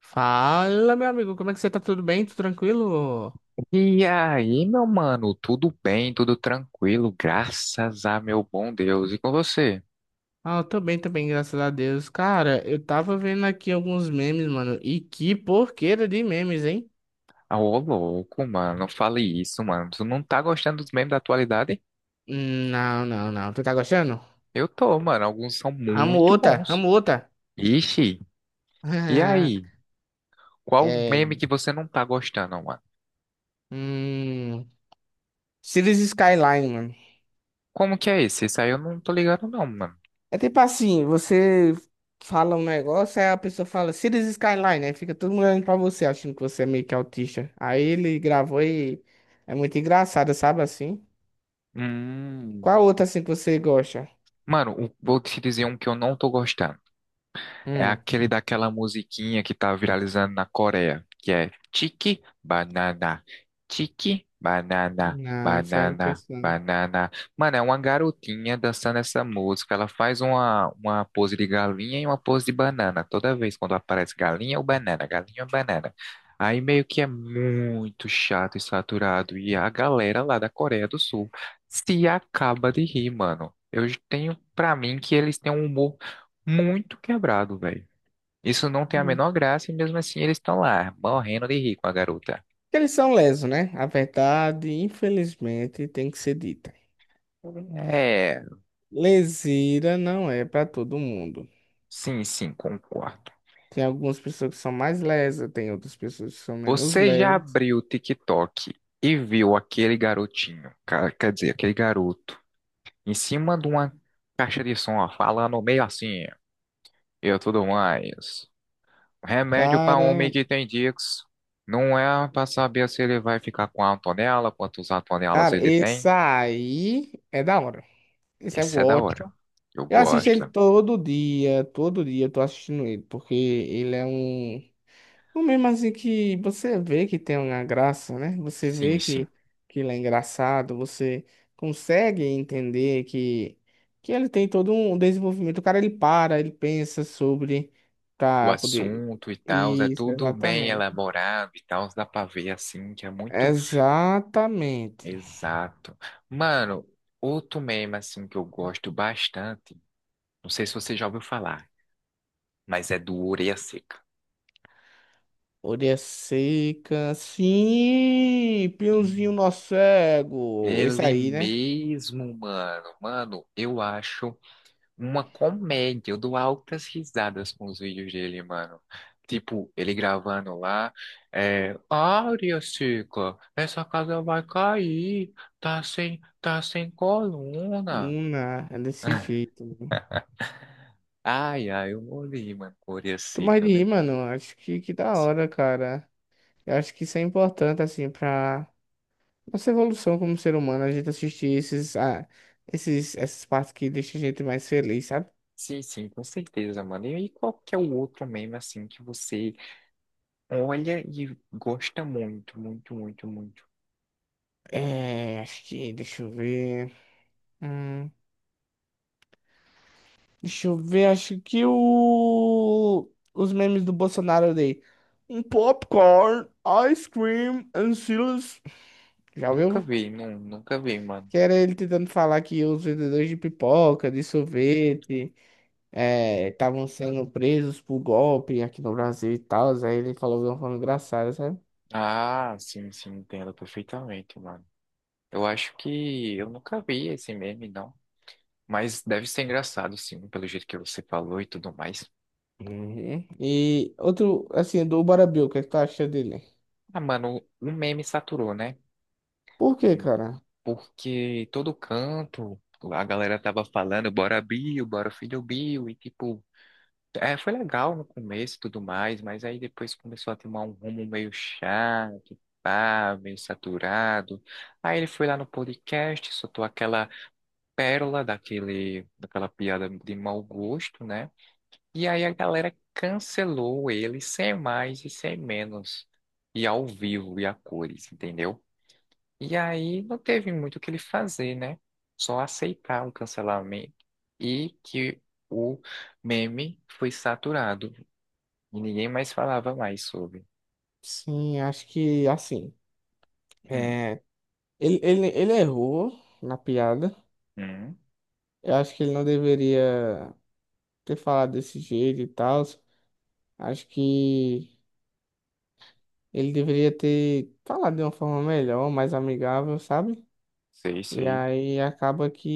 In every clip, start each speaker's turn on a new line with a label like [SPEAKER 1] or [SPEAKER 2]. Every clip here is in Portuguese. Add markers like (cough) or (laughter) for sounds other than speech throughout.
[SPEAKER 1] Fala, meu amigo, como é que você tá? Tudo bem? Tudo tranquilo?
[SPEAKER 2] E aí, meu mano, tudo bem, tudo tranquilo, graças a meu bom Deus. E com você?
[SPEAKER 1] Ah, eu tô bem também, graças a Deus. Cara, eu tava vendo aqui alguns memes, mano. E que porqueira de memes, hein?
[SPEAKER 2] Ah, ô louco, mano, não fale isso, mano. Tu não tá gostando dos memes da atualidade?
[SPEAKER 1] Não, não, não. Tu tá gostando?
[SPEAKER 2] Eu tô, mano, alguns são
[SPEAKER 1] Amo
[SPEAKER 2] muito
[SPEAKER 1] outra,
[SPEAKER 2] bons.
[SPEAKER 1] amo outra.
[SPEAKER 2] Ixi, e
[SPEAKER 1] (laughs)
[SPEAKER 2] aí? Qual meme
[SPEAKER 1] É.
[SPEAKER 2] que você não tá gostando, mano?
[SPEAKER 1] Hum. Cities Skyline, mano.
[SPEAKER 2] Como que é esse? Esse aí eu não tô ligado, não, mano.
[SPEAKER 1] É tipo assim, você fala um negócio, aí a pessoa fala Cities Skyline, aí fica todo mundo olhando pra você, achando que você é meio que autista. Aí ele gravou e é muito engraçado, sabe assim? Qual
[SPEAKER 2] Hum.
[SPEAKER 1] outra assim que você gosta?
[SPEAKER 2] Vou te dizer um que eu não tô gostando. É
[SPEAKER 1] Hum.
[SPEAKER 2] aquele daquela musiquinha que tá viralizando na Coreia, que é Tiki Banana, Tiki Banana,
[SPEAKER 1] Não, isso aí eu não
[SPEAKER 2] Banana,
[SPEAKER 1] penso não.
[SPEAKER 2] Banana. Mano, é uma garotinha dançando essa música. Ela faz uma pose de galinha e uma pose de banana. Toda vez quando aparece galinha ou banana, galinha ou banana. Aí meio que é muito chato e saturado. E a galera lá da Coreia do Sul se acaba de rir, mano. Eu tenho pra mim que eles têm um humor muito quebrado, velho. Isso não tem a
[SPEAKER 1] Hum.
[SPEAKER 2] menor graça e mesmo assim eles estão lá, morrendo de rir com a garota.
[SPEAKER 1] Eles são lesos, né? A verdade, infelizmente, tem que ser dita.
[SPEAKER 2] É,
[SPEAKER 1] Leseira não é para todo mundo.
[SPEAKER 2] sim, sim, concordo.
[SPEAKER 1] Tem algumas pessoas que são mais lesas, tem outras pessoas que são menos
[SPEAKER 2] Você já
[SPEAKER 1] lesas.
[SPEAKER 2] abriu o TikTok e viu aquele garotinho, quer dizer, aquele garoto, em cima de uma caixa de som, ó, falando meio assim, eu tudo mais. Remédio para homem
[SPEAKER 1] Cara,
[SPEAKER 2] que tem tics. Não é para saber se ele vai ficar com a tonela, quantos atonelas
[SPEAKER 1] cara,
[SPEAKER 2] ele
[SPEAKER 1] esse
[SPEAKER 2] tem.
[SPEAKER 1] aí é da hora. Esse eu
[SPEAKER 2] Isso é da hora.
[SPEAKER 1] gosto.
[SPEAKER 2] Eu
[SPEAKER 1] Eu assisto ele
[SPEAKER 2] gosto.
[SPEAKER 1] todo dia eu tô assistindo ele, porque ele é um o mesmo assim que você vê que tem uma graça, né? Você
[SPEAKER 2] Sim,
[SPEAKER 1] vê
[SPEAKER 2] sim.
[SPEAKER 1] que ele é engraçado, você consegue entender que ele tem todo um desenvolvimento. O cara, ele para, ele pensa sobre
[SPEAKER 2] O
[SPEAKER 1] pra poder...
[SPEAKER 2] assunto e tal, é
[SPEAKER 1] Isso,
[SPEAKER 2] tudo bem
[SPEAKER 1] exatamente.
[SPEAKER 2] elaborado e tal, dá pra ver assim que é muito
[SPEAKER 1] Exatamente.
[SPEAKER 2] exato. Mano, outro meme assim que eu gosto bastante, não sei se você já ouviu falar, mas é do Orelha Seca.
[SPEAKER 1] Orelha seca. Sim, Piozinho
[SPEAKER 2] Sim.
[SPEAKER 1] nosso cego. Esse
[SPEAKER 2] Ele
[SPEAKER 1] aí, né?
[SPEAKER 2] mesmo, mano. Mano, eu acho uma comédia. Eu dou altas risadas com os vídeos dele, mano. Tipo, ele gravando lá, é, Áurea, Cica, essa casa vai cair, tá sem coluna.
[SPEAKER 1] Ah, é desse
[SPEAKER 2] (laughs)
[SPEAKER 1] jeito.
[SPEAKER 2] Ai, ai, eu morri, mano, com Áurea
[SPEAKER 1] Tô mais
[SPEAKER 2] Seca,
[SPEAKER 1] de rir,
[SPEAKER 2] velho.
[SPEAKER 1] mano. Acho que da hora, cara. Eu acho que isso é importante, assim, pra nossa evolução como ser humano, a gente assistir esses, essas partes que deixam a gente mais feliz, sabe?
[SPEAKER 2] Sim, sim, com certeza, mano. E aí, qual que é o outro meme, assim, que você olha e gosta muito, muito, muito, muito?
[SPEAKER 1] É, acho que, deixa eu ver. Hum, deixa eu ver, acho que o... os memes do Bolsonaro eu dei. Um popcorn, ice cream and silas. Já
[SPEAKER 2] Nunca
[SPEAKER 1] ouviu?
[SPEAKER 2] vi, não, nunca vi, mano.
[SPEAKER 1] Que era ele tentando falar que os vendedores de pipoca, de sorvete estavam sendo presos por golpe aqui no Brasil e tal. Aí ele falou de uma forma engraçada, sabe?
[SPEAKER 2] Ah, sim, sim, entendo perfeitamente, mano. Eu acho que eu nunca vi esse meme, não. Mas deve ser engraçado, sim, pelo jeito que você falou e tudo mais.
[SPEAKER 1] Uhum. E outro, assim, do Bora Bill, o que é que tu acha dele?
[SPEAKER 2] Ah, mano, o meme saturou, né?
[SPEAKER 1] Por quê,
[SPEAKER 2] Hum.
[SPEAKER 1] cara?
[SPEAKER 2] Porque todo canto, a galera tava falando, bora Bill, bora filho Bill, e tipo, é, foi legal no começo e tudo mais, mas aí depois começou a tomar um rumo meio chato, pá, meio saturado. Aí ele foi lá no podcast, soltou aquela pérola daquela piada de mau gosto, né? E aí a galera cancelou ele sem mais e sem menos. E ao vivo e a cores, entendeu? E aí não teve muito o que ele fazer, né? Só aceitar o cancelamento e que o meme foi saturado e ninguém mais falava mais sobre.
[SPEAKER 1] Sim, acho que, assim,
[SPEAKER 2] Hum,
[SPEAKER 1] é, ele errou na piada.
[SPEAKER 2] hum,
[SPEAKER 1] Eu acho que ele não deveria ter falado desse jeito e tal. Acho que ele deveria ter falado de uma forma melhor, mais amigável, sabe?
[SPEAKER 2] sei,
[SPEAKER 1] E
[SPEAKER 2] sei.
[SPEAKER 1] aí acaba que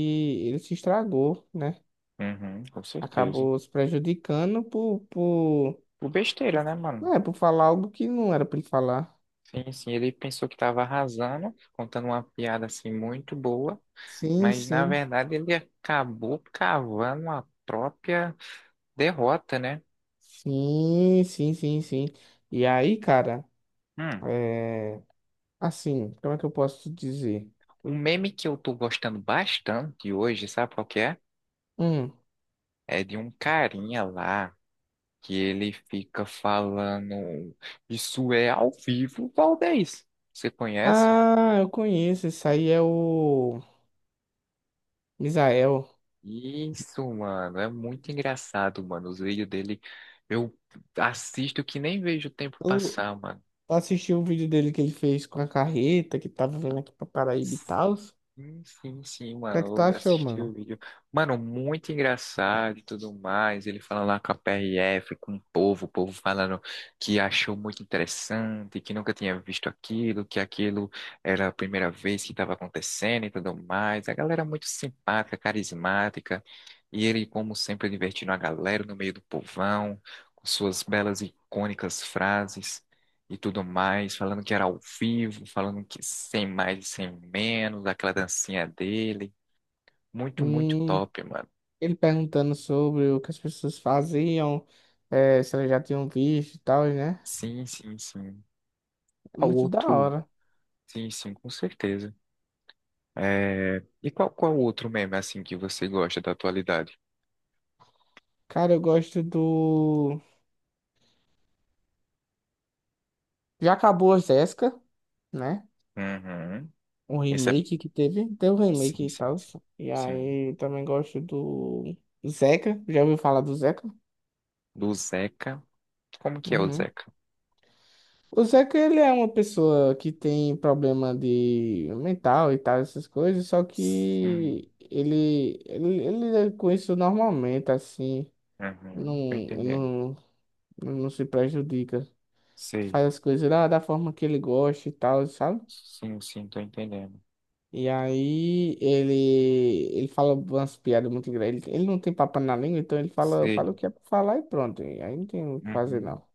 [SPEAKER 1] ele se estragou, né?
[SPEAKER 2] Uhum, com certeza.
[SPEAKER 1] Acabou se prejudicando
[SPEAKER 2] Por besteira, né, mano?
[SPEAKER 1] é, por falar algo que não era pra ele falar.
[SPEAKER 2] Sim, sim, ele pensou que tava arrasando, contando uma piada assim muito boa.
[SPEAKER 1] Sim,
[SPEAKER 2] Mas na
[SPEAKER 1] sim.
[SPEAKER 2] verdade ele acabou cavando a própria derrota, né?
[SPEAKER 1] Sim, sim, sim, sim. E aí, cara,
[SPEAKER 2] Hum.
[SPEAKER 1] é, assim, como é que eu posso dizer?
[SPEAKER 2] Um meme que eu tô gostando bastante hoje, sabe qual que é?
[SPEAKER 1] Hum.
[SPEAKER 2] É de um carinha lá que ele fica falando: isso é ao vivo, Valdez. Você conhece?
[SPEAKER 1] Ah, eu conheço, esse aí é o Misael.
[SPEAKER 2] Isso, mano, é muito engraçado, mano. Os vídeos dele eu assisto que nem vejo o tempo
[SPEAKER 1] Eu
[SPEAKER 2] passar, mano.
[SPEAKER 1] assisti o vídeo dele que ele fez com a carreta, que tava vindo aqui pra Paraíba e tal. O
[SPEAKER 2] Sim, sim, sim,
[SPEAKER 1] que é que tu
[SPEAKER 2] mano. Eu
[SPEAKER 1] achou,
[SPEAKER 2] assisti o
[SPEAKER 1] mano?
[SPEAKER 2] vídeo. Mano, muito engraçado e tudo mais. Ele falando lá com a PRF, com o povo falando que achou muito interessante, que nunca tinha visto aquilo, que aquilo era a primeira vez que estava acontecendo e tudo mais. A galera muito simpática, carismática. E ele, como sempre, divertindo a galera no meio do povão, com suas belas e icônicas frases e tudo mais, falando que era ao vivo, falando que sem mais e sem menos, aquela dancinha dele. Muito, muito
[SPEAKER 1] Hum,
[SPEAKER 2] top, mano.
[SPEAKER 1] ele perguntando sobre o que as pessoas faziam, se elas já tinham visto e tal, né?
[SPEAKER 2] Sim, sim, sim. Ao
[SPEAKER 1] Muito da
[SPEAKER 2] outro,
[SPEAKER 1] hora.
[SPEAKER 2] sim, sim, com certeza. É... E qual outro meme, assim, que você gosta da atualidade?
[SPEAKER 1] Cara, eu gosto do. Já acabou a Jéssica, né?
[SPEAKER 2] Uhum.
[SPEAKER 1] Um
[SPEAKER 2] Esse é...
[SPEAKER 1] remake que teve. Teve um
[SPEAKER 2] Sim,
[SPEAKER 1] remake e
[SPEAKER 2] sim,
[SPEAKER 1] tal.
[SPEAKER 2] sim.
[SPEAKER 1] E
[SPEAKER 2] Sim.
[SPEAKER 1] aí também gosto do Zeca. Já ouviu falar do Zeca?
[SPEAKER 2] Do Zeca. Como que é o
[SPEAKER 1] Uhum.
[SPEAKER 2] Zeca?
[SPEAKER 1] O Zeca, ele é uma pessoa que tem problema de mental e tal, essas coisas, só
[SPEAKER 2] Sim.
[SPEAKER 1] que ele lida com isso normalmente, assim. Não,
[SPEAKER 2] Uhum. Tô entendendo.
[SPEAKER 1] não, não se prejudica.
[SPEAKER 2] Sei.
[SPEAKER 1] Faz as coisas da forma que ele gosta e tal, sabe?
[SPEAKER 2] Sim, sim, tô entendendo.
[SPEAKER 1] E aí ele fala umas piadas muito grandes. Ele não tem papo na língua, então ele fala, fala o
[SPEAKER 2] Sei.
[SPEAKER 1] que é pra falar e pronto. E aí não tem o que fazer,
[SPEAKER 2] Uhum.
[SPEAKER 1] não.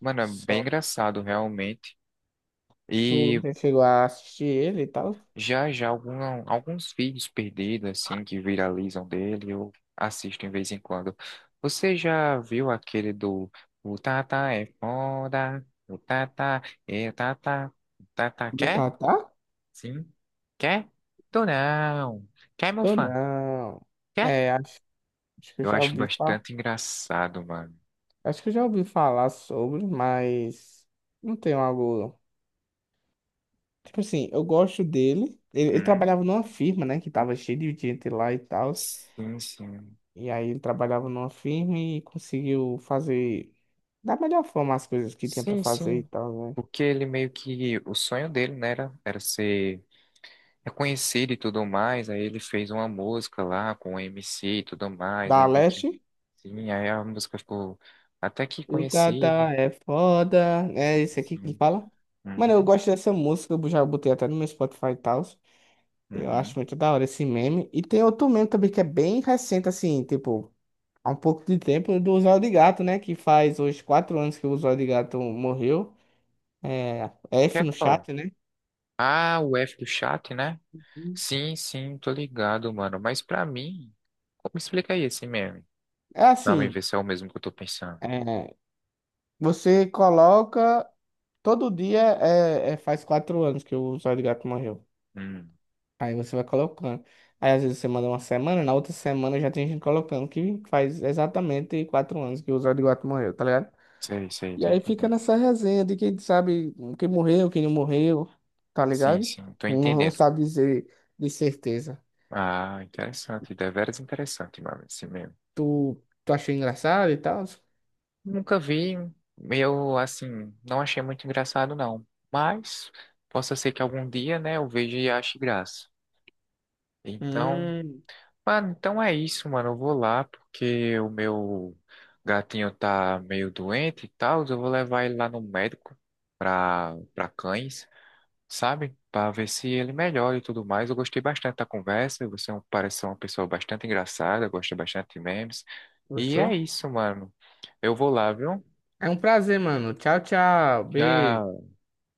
[SPEAKER 2] Mano, é bem
[SPEAKER 1] Só
[SPEAKER 2] engraçado realmente.
[SPEAKER 1] tu
[SPEAKER 2] E
[SPEAKER 1] não chegou a assistir ele e tal.
[SPEAKER 2] já já alguns vídeos perdidos assim que viralizam dele, eu assisto de vez em quando. Você já viu aquele do o Tata é foda, o Tata é Tata, o Tata
[SPEAKER 1] Do
[SPEAKER 2] quer?
[SPEAKER 1] Tatá?
[SPEAKER 2] Sim. Quer? Tô não. Quer, meu
[SPEAKER 1] Ou
[SPEAKER 2] fã?
[SPEAKER 1] não?
[SPEAKER 2] Quer?
[SPEAKER 1] É, acho que eu
[SPEAKER 2] Eu
[SPEAKER 1] já
[SPEAKER 2] acho
[SPEAKER 1] ouvi falar.
[SPEAKER 2] bastante engraçado, mano.
[SPEAKER 1] Acho que eu já ouvi falar sobre, mas não tenho algo. Tipo assim, eu gosto dele. Ele
[SPEAKER 2] Hum?
[SPEAKER 1] trabalhava numa firma, né? Que tava cheio de gente lá e tal.
[SPEAKER 2] Sim, sim.
[SPEAKER 1] E aí ele trabalhava numa firma e conseguiu fazer da melhor forma as coisas que tinha pra
[SPEAKER 2] Sim,
[SPEAKER 1] fazer e
[SPEAKER 2] sim.
[SPEAKER 1] tal, né?
[SPEAKER 2] Porque ele meio que. O sonho dele, né, era ser reconhecido e tudo mais. Aí ele fez uma música lá com o MC e tudo mais.
[SPEAKER 1] Da
[SPEAKER 2] Aí meio que.
[SPEAKER 1] Leste.
[SPEAKER 2] Sim, aí a música ficou até que
[SPEAKER 1] O Tata
[SPEAKER 2] conhecida.
[SPEAKER 1] é foda. É
[SPEAKER 2] Sim,
[SPEAKER 1] esse aqui que ele
[SPEAKER 2] sim.
[SPEAKER 1] fala. Mano, eu
[SPEAKER 2] Uhum,
[SPEAKER 1] gosto dessa música. Eu já botei até no meu Spotify e tal. Eu
[SPEAKER 2] uhum.
[SPEAKER 1] acho muito da hora esse meme. E tem outro meme também que é bem recente, assim, tipo, há um pouco de tempo, do Usuário de Gato, né? Que faz hoje 4 anos que o Usuário de Gato morreu. É,
[SPEAKER 2] Que
[SPEAKER 1] F
[SPEAKER 2] é
[SPEAKER 1] no
[SPEAKER 2] qual?
[SPEAKER 1] chat, né?
[SPEAKER 2] Ah, o F do chat, né? Sim, sim, tô ligado, mano. Mas pra mim. Como explica aí esse meme?
[SPEAKER 1] É
[SPEAKER 2] Pra mim
[SPEAKER 1] assim,
[SPEAKER 2] ver se é o mesmo que eu tô pensando.
[SPEAKER 1] é, você coloca. Todo dia é, é- faz 4 anos que o Zóio de Gato morreu.
[SPEAKER 2] Hum,
[SPEAKER 1] Aí você vai colocando. Aí às vezes você manda uma semana, na outra semana já tem gente colocando que faz exatamente 4 anos que o Zóio de Gato morreu, tá ligado?
[SPEAKER 2] sei, sei,
[SPEAKER 1] E
[SPEAKER 2] tô
[SPEAKER 1] aí fica
[SPEAKER 2] entendendo.
[SPEAKER 1] nessa resenha de quem sabe quem morreu, quem não morreu, tá
[SPEAKER 2] Sim,
[SPEAKER 1] ligado?
[SPEAKER 2] sim, tô
[SPEAKER 1] Não, não
[SPEAKER 2] entendendo.
[SPEAKER 1] sabe dizer de certeza.
[SPEAKER 2] Ah, interessante, deveras interessante, mano, assim mesmo.
[SPEAKER 1] Tu, tu achou engraçado e tal?
[SPEAKER 2] Nunca vi, eu, assim, não achei muito engraçado, não. Mas, possa ser que algum dia, né, eu veja e ache graça. Então,
[SPEAKER 1] Hum,
[SPEAKER 2] mano, então é isso, mano, eu vou lá, porque o meu gatinho tá meio doente e tal, eu vou levar ele lá no médico pra cães. Sabe? Para ver se ele melhora e tudo mais. Eu gostei bastante da conversa. Você é parece ser uma pessoa bastante engraçada, gosta bastante de memes. E é
[SPEAKER 1] Gostou?
[SPEAKER 2] isso, mano. Eu vou lá, viu?
[SPEAKER 1] É um prazer, mano. Tchau, tchau. Beijo.
[SPEAKER 2] Tchau